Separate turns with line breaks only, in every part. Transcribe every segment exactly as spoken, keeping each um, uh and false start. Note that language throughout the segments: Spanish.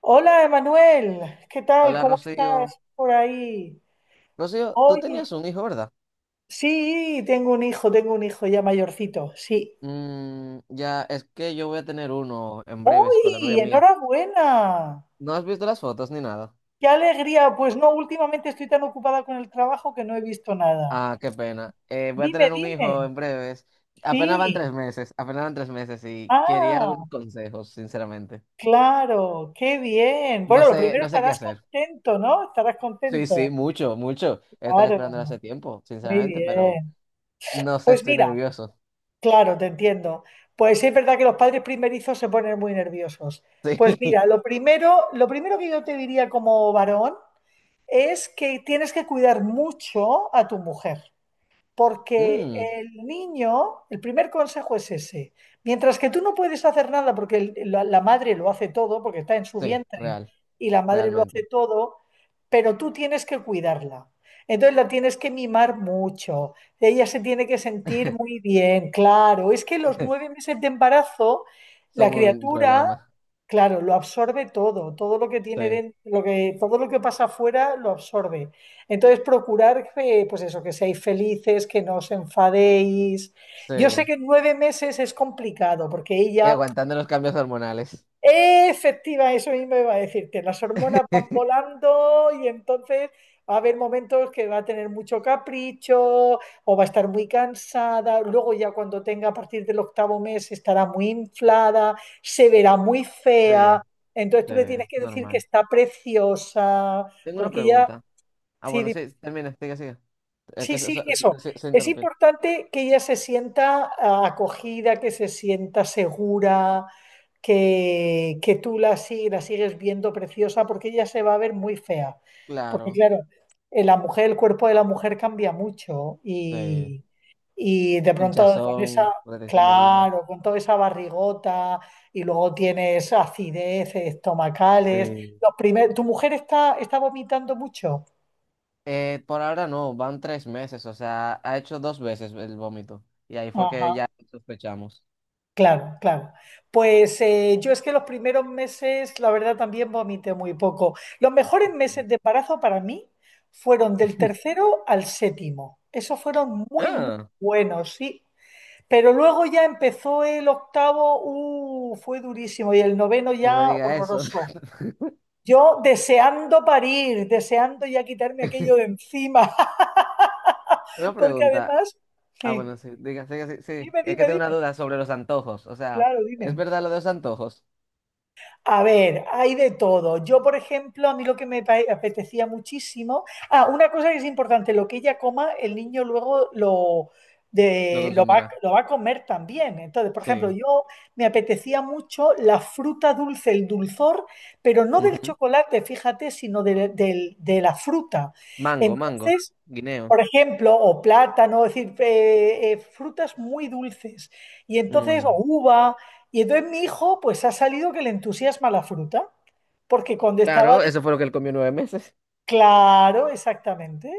Hola, Emanuel, ¿qué tal?
Hola,
¿Cómo estás
Rocío.
por ahí?
Rocío, tú
Oye,
tenías un hijo, ¿verdad?
sí, tengo un hijo, tengo un hijo ya mayorcito, sí.
Mm, ya, es que yo voy a tener uno en breves con la novia
¡Uy!
mía.
¡Enhorabuena!
¿No has visto las fotos ni nada?
¡Qué alegría! Pues no, últimamente estoy tan ocupada con el trabajo que no he visto nada.
Ah, qué pena. Eh, voy a
Dime,
tener un hijo
dime.
en breves. Apenas van
Sí.
tres meses, apenas van tres meses, y quería
Ah,
algunos consejos, sinceramente.
claro, qué bien.
No
Bueno, lo
sé,
primero
no sé qué
estarás
hacer.
contento, ¿no? Estarás
Sí,
contento.
sí, mucho, mucho. Estaba
Claro,
esperando hace tiempo,
muy
sinceramente, pero
bien.
no sé,
Pues
estoy
mira.
nervioso.
Claro, te entiendo. Pues sí es verdad que los padres primerizos se ponen muy nerviosos. Pues
Sí.
mira, lo primero, lo primero que yo te diría como varón es que tienes que cuidar mucho a tu mujer porque
Mm,
el niño, el primer consejo es ese. Mientras que tú no puedes hacer nada porque el- la, la madre lo hace todo, porque está en su
sí,
vientre
real,
y la madre lo hace
realmente.
todo, pero tú tienes que cuidarla. Entonces la tienes que mimar mucho. Ella se tiene que sentir muy bien, claro. Es que los nueve meses de embarazo, la
Son un
criatura,
problema.
claro, lo absorbe todo, todo lo que tiene
Sí.
dentro, lo que, todo lo que pasa afuera lo absorbe. Entonces, procurar, eh, pues eso, que seáis felices, que no os enfadéis.
Sí.
Yo sé que nueve meses es complicado, porque
Y
ella,
aguantando los cambios hormonales.
eh, efectiva, eso mismo iba a decirte, las hormonas van volando y entonces va a haber momentos que va a tener mucho capricho o va a estar muy cansada. Luego ya cuando tenga a partir del octavo mes estará muy inflada, se verá muy
Sí,
fea. Entonces
sí,
tú le
es
tienes que decir que
normal.
está preciosa,
Tengo una
porque ella...
pregunta. Ah, bueno,
Sí,
sí, termina, sigue, sigue. Es
sí,
que se,
sí,
se,
eso.
se- se
Es
interrumpió.
importante que ella se sienta ah, acogida, que se sienta segura, que, que tú la, sig- la sigues viendo preciosa, porque ella se va a ver muy fea. Porque
Claro,
claro, eh, la mujer, el cuerpo de la mujer cambia mucho
sí.
y, y de pronto con esa,
Hinchazón, retención de orina.
claro, con toda esa barrigota y luego tienes acidez estomacales.
Sí.
Los primer- ¿tu mujer está, está vomitando mucho?
Eh, por ahora no, van tres meses, o sea, ha hecho dos veces el vómito. Y ahí fue que
Ajá.
ya sospechamos.
Claro, claro. Pues eh, yo es que los primeros meses, la verdad, también vomité muy poco. Los mejores
Ujú.
meses de embarazo para mí fueron del tercero al séptimo. Esos fueron muy, muy
Ah,
buenos, sí. Pero luego ya empezó el octavo, uh, fue durísimo, y el noveno
no me
ya
diga eso.
horroroso. Yo deseando parir, deseando ya quitarme aquello de encima,
Una
porque
pregunta.
además,
Ah, bueno,
sí,
sí, diga, sí, sí, sí.
dime,
Es que
dime,
tengo una
dime,
duda sobre los antojos. O sea,
claro,
¿es
dime.
verdad lo de los antojos?
A ver, hay de todo. Yo, por ejemplo, a mí lo que me apetecía muchísimo. Ah, una cosa que es importante, lo que ella coma, el niño luego lo,
Lo
de, lo va,
consumirá.
lo va a comer también. Entonces, por ejemplo,
Sí.
yo me apetecía mucho la fruta dulce, el dulzor, pero no del
Ujú.
chocolate, fíjate, sino de, del- de la fruta.
Mango, mango,
Entonces,
guineo.
por ejemplo, o plátano, es decir, eh, eh, frutas muy dulces. Y entonces, o
Mm.
uva. Y entonces mi hijo, pues ha salido que le entusiasma la fruta, porque cuando estaba
Claro,
de...
eso fue lo que él comió nueve meses.
Claro, exactamente.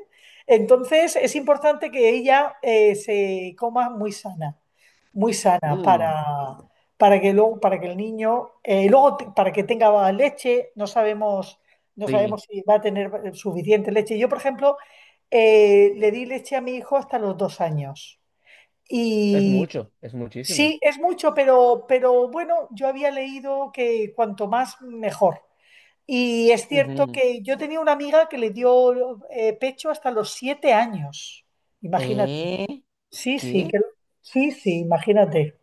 Entonces es importante que ella eh, se coma muy sana muy sana
Mm.
para, para que luego, para que el niño, eh, luego te- para que tenga leche, no sabemos, no
Sí.
sabemos si va a tener suficiente leche. Yo, por ejemplo, eh, le di leche a mi hijo hasta los dos años.
Es
Y
mucho, es muchísimo.
sí, es mucho, pero, pero bueno, yo había leído que cuanto más, mejor. Y es cierto
Ujú.
que yo tenía una amiga que le dio eh, pecho hasta los siete años. Imagínate.
¿Eh?
Sí, sí,
¿Qué?
que, sí, sí, imagínate.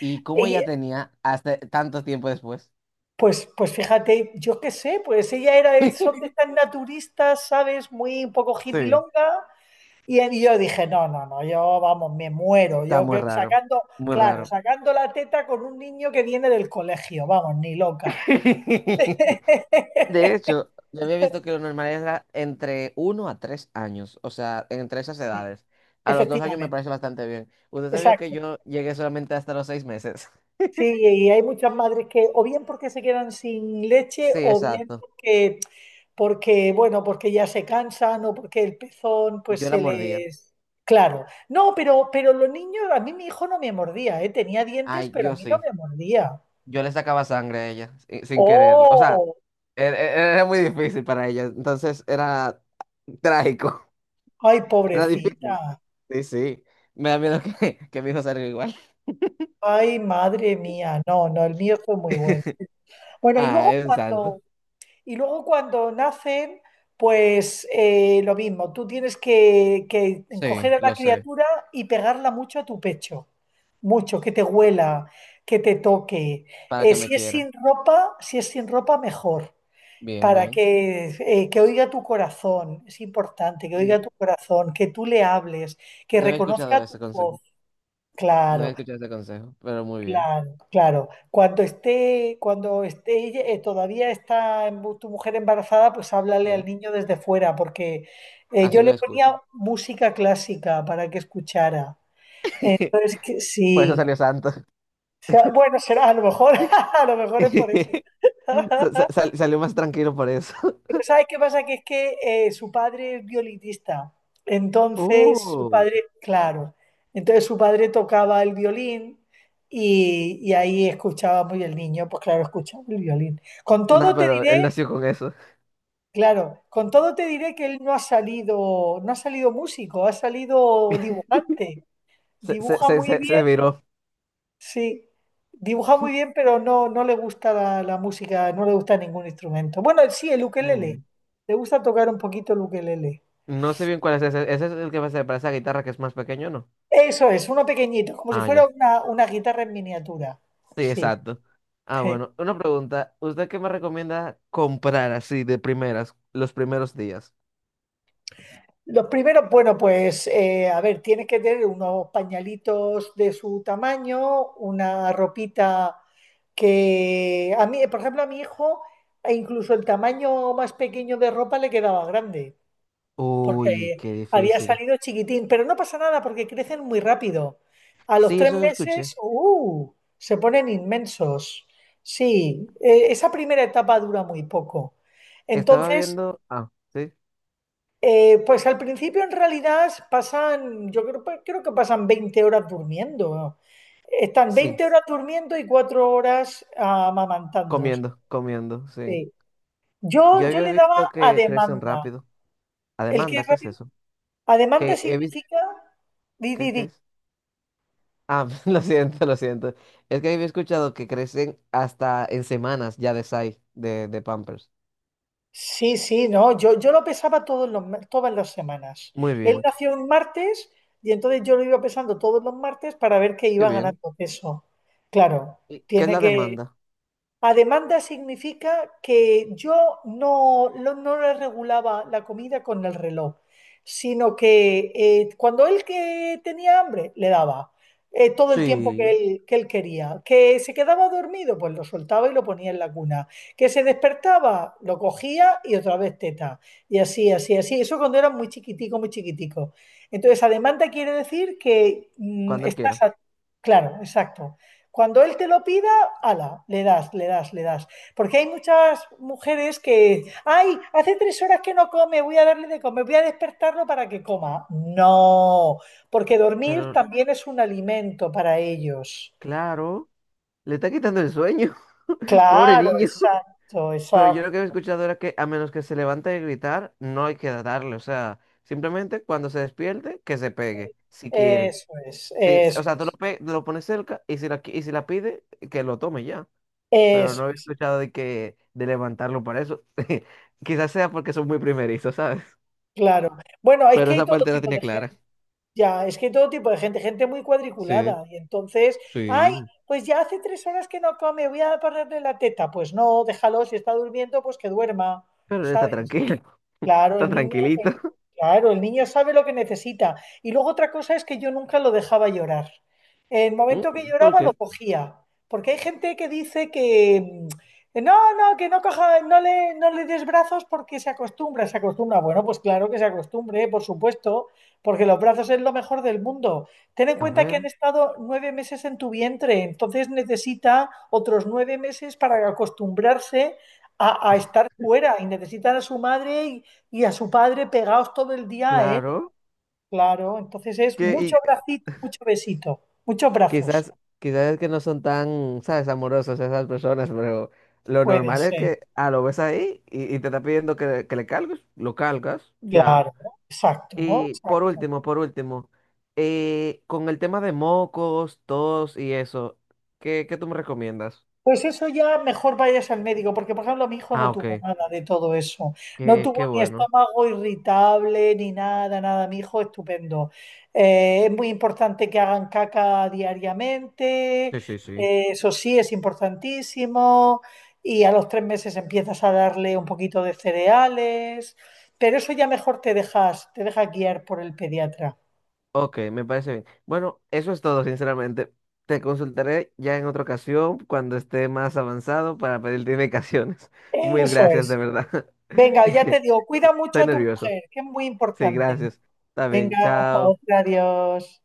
¿Y cómo ella tenía hasta tanto tiempo después?
Pues, pues fíjate, yo qué sé, pues ella era de, son de estas naturistas, ¿sabes? Muy un poco
Sí,
hippilonga. Y, y yo dije, no, no, no, yo vamos, me muero.
está
Yo
muy
que
raro,
sacando,
muy
claro,
raro.
sacando la teta con un niño que viene del colegio, vamos, ni loca.
De hecho, yo había visto que lo normal era entre uno a tres años, o sea, entre esas
Sí,
edades. A los dos años me parece
efectivamente,
bastante bien. ¿Usted sabía que
exacto.
yo llegué solamente hasta los seis meses?
Sí, y hay muchas madres que o bien porque se quedan sin leche
Sí,
o bien
exacto.
porque, porque bueno, porque ya se cansan o porque el pezón pues
Yo la
se
mordía.
les... Claro, no, pero, pero los niños, a mí mi hijo no me mordía, ¿eh? Tenía dientes,
Ay,
pero a
yo
mí no
sí.
me mordía.
Yo le sacaba sangre a ella, si- sin quererlo. O sea,
¡Oh!
er- er- era muy difícil para ella, entonces era trágico.
¡Ay,
Era difícil.
pobrecita!
Sí, sí. Me da miedo que, que mi hijo salga igual.
¡Ay, madre mía! No, no, el mío fue muy bueno. Bueno, y
Ah,
luego
es un santo.
cuando... Y luego cuando nacen, pues eh, lo mismo, tú tienes que, que
Sí,
coger a la
lo sé.
criatura y pegarla mucho a tu pecho, mucho, que te huela, que te toque.
Para
Eh,
que me
si es
quiera.
sin ropa, si es sin ropa, mejor,
Bien,
para
bien.
que, eh, que oiga tu corazón, es importante, que oiga
Mm.
tu corazón, que tú le hables, que
No había escuchado
reconozca
ese
tu
consejo.
voz,
No había
claro.
escuchado ese consejo, pero muy bien.
Claro, claro. Cuando esté, cuando esté ella- eh, todavía está embu- tu mujer embarazada, pues háblale al
Sí.
niño desde fuera, porque eh,
Así
yo le
me escucho.
ponía música clásica para que escuchara. Pero es que
Por eso
sí.
salió santo.
O sea, bueno, será a lo mejor, a lo mejor es por eso.
Sa- sa- sal- salió más tranquilo por eso.
Pero ¿sabes qué pasa? Que es que eh, su padre es violinista. Entonces, su
Uh.
padre, claro, entonces su padre tocaba el violín y, y ahí escuchábamos y el niño, pues claro, escuchaba el violín. Con
No,
todo te
pero él
diré,
nació con eso.
claro, con todo te diré que él no ha salido, no ha salido músico, ha salido dibujante.
Se, se,
Dibuja
se,
muy
se,
bien,
se viró.
sí, dibuja muy bien, pero no, no le gusta la, la música, no le gusta ningún instrumento. Bueno, sí, el ukelele.
Mm.
Le gusta tocar un poquito el ukelele.
No sé bien cuál es ese. ¿Ese es el que se parece a la guitarra que es más pequeño, no?
Eso es, uno pequeñito, como si
Ah,
fuera
ya.
una, una guitarra en miniatura.
Sí,
Sí.
exacto. Ah,
Sí.
bueno. Una pregunta. ¿Usted qué me recomienda comprar así de primeras, los primeros días?
Los primeros, bueno, pues eh, a ver, tienes que tener unos pañalitos de su tamaño, una ropita que a mí, por ejemplo, a mi hijo, e incluso el tamaño más pequeño de ropa le quedaba grande,
Uy,
porque
qué
había
difícil.
salido chiquitín, pero no pasa nada porque crecen muy rápido. A los
Sí,
tres
eso lo escuché.
meses, ¡uh! Se ponen inmensos. Sí, eh, esa primera etapa dura muy poco.
Estaba
Entonces,
viendo. Ah, sí.
eh, pues al principio en realidad pasan, yo creo, pues, creo que pasan veinte horas durmiendo. Están
Sí,
veinte horas durmiendo y cuatro horas amamantando.
comiendo, comiendo, sí.
Sí.
Yo
Yo, yo
había
le daba
visto
a
que crecen
demanda.
rápido. A
¿El qué es
demanda, ¿qué es
rápido?
eso?
A demanda
Que he visto.
significa... Di,
¿Qué,
di,
qué
di.
es? Ah, lo siento, lo siento. Es que había escuchado que crecen hasta en semanas ya de size, de, de Pampers.
Sí, sí, no, yo, yo lo pesaba todos los, ma- todas las semanas.
Muy
Él
bien,
nació un martes y entonces yo lo iba pesando todos los martes para ver que
qué
iba
bien.
ganando peso. Claro,
¿Y qué es
tiene
la
que,
demanda?
a demanda significa que yo no, lo- no le regulaba la comida con el reloj, sino que eh, cuando él que tenía hambre, le daba eh, todo el tiempo que
Sí,
él, que él quería. Que se quedaba dormido, pues lo soltaba y lo ponía en la cuna. Que se despertaba, lo cogía y otra vez teta. Y así, así, así. Eso cuando era muy chiquitico, muy chiquitico. Entonces, a demanda quiere decir que mm,
cuando él
estás...
quiera.
a- Claro, exacto. Cuando él te lo pida ala, le das, le das, le das. Porque hay muchas mujeres que, ay, hace tres horas que no come, voy a darle de comer, voy a despertarlo para que coma. No, porque dormir
Pero,
también es un alimento para ellos.
claro, le está quitando el sueño. Pobre
Claro,
niño.
exacto,
Pero yo lo que he
exacto.
escuchado era que a menos que se levante a gritar, no hay que darle. O sea, simplemente cuando se despierte, que se pegue, si quiere.
Eso es,
Si- si-
eso
o sea, tú lo,
es,
pe- lo pones cerca y si la, qui- y si la pide, que lo tome ya. Pero
eso
no he
es.
escuchado de que de levantarlo para eso. Quizás sea porque son muy primerizos, ¿sabes?
Claro. Bueno, es
Pero
que hay
esa
todo
parte la
tipo
tenía
de
clara.
gente. Ya, es que todo tipo de gente, gente muy
Sí,
cuadriculada. Y entonces, ay,
sí.
pues ya hace tres horas que no come, voy a ponerle la teta. Pues no, déjalo, si está durmiendo, pues que duerma,
Pero él está
¿sabes?
tranquilo.
Claro,
Está
el niño,
tranquilito.
el- claro, el niño sabe lo que necesita. Y luego otra cosa es que yo nunca lo dejaba llorar. El
Mm.
momento que
¿Por
lloraba lo
qué?
cogía, porque hay gente que dice que mm, que no, no, que no coja, no le, no le des brazos porque se acostumbra, se acostumbra. Bueno, pues claro que se acostumbre, por supuesto, porque los brazos es lo mejor del mundo. Ten en
A
cuenta que han
ver,
estado nueve meses en tu vientre, entonces necesita otros nueve meses para acostumbrarse a, a estar fuera y necesitan a su madre y a su padre pegados todo el día a él,
claro.
claro. Entonces es mucho bracito, mucho besito, muchos brazos.
Quizás, quizás es que no son tan, ¿sabes? Amorosos esas personas, pero lo
Puede
normal es
ser,
que, ah, lo ves ahí y, y te está pidiendo que, que le cargues, lo cargas, ya.
claro, exacto,
Y por
exacto.
último, por último, eh, con el tema de mocos, tos y eso, ¿qué, qué tú me recomiendas?
Pues eso ya mejor vayas al médico, porque por ejemplo mi hijo no
Ah,
tuvo
OK,
nada de todo eso. No
qué,
tuvo
qué
ni
bueno.
estómago irritable, ni nada, nada. Mi hijo estupendo. Eh, es muy importante que hagan caca diariamente,
Sí, sí, sí.
eh, eso sí es importantísimo. Y a los tres meses empiezas a darle un poquito de cereales, pero eso ya mejor te dejas, te dejas guiar por el pediatra.
OK, me parece bien. Bueno, eso es todo, sinceramente. Te consultaré ya en otra ocasión cuando esté más avanzado para pedirte indicaciones. Mil
Eso
gracias, de
es.
verdad.
Venga, ya te digo, cuida mucho
Estoy
a tu
nervioso.
mujer, que es muy
Sí,
importante.
gracias. Está bien,
Venga, hasta
chao.
otra, adiós.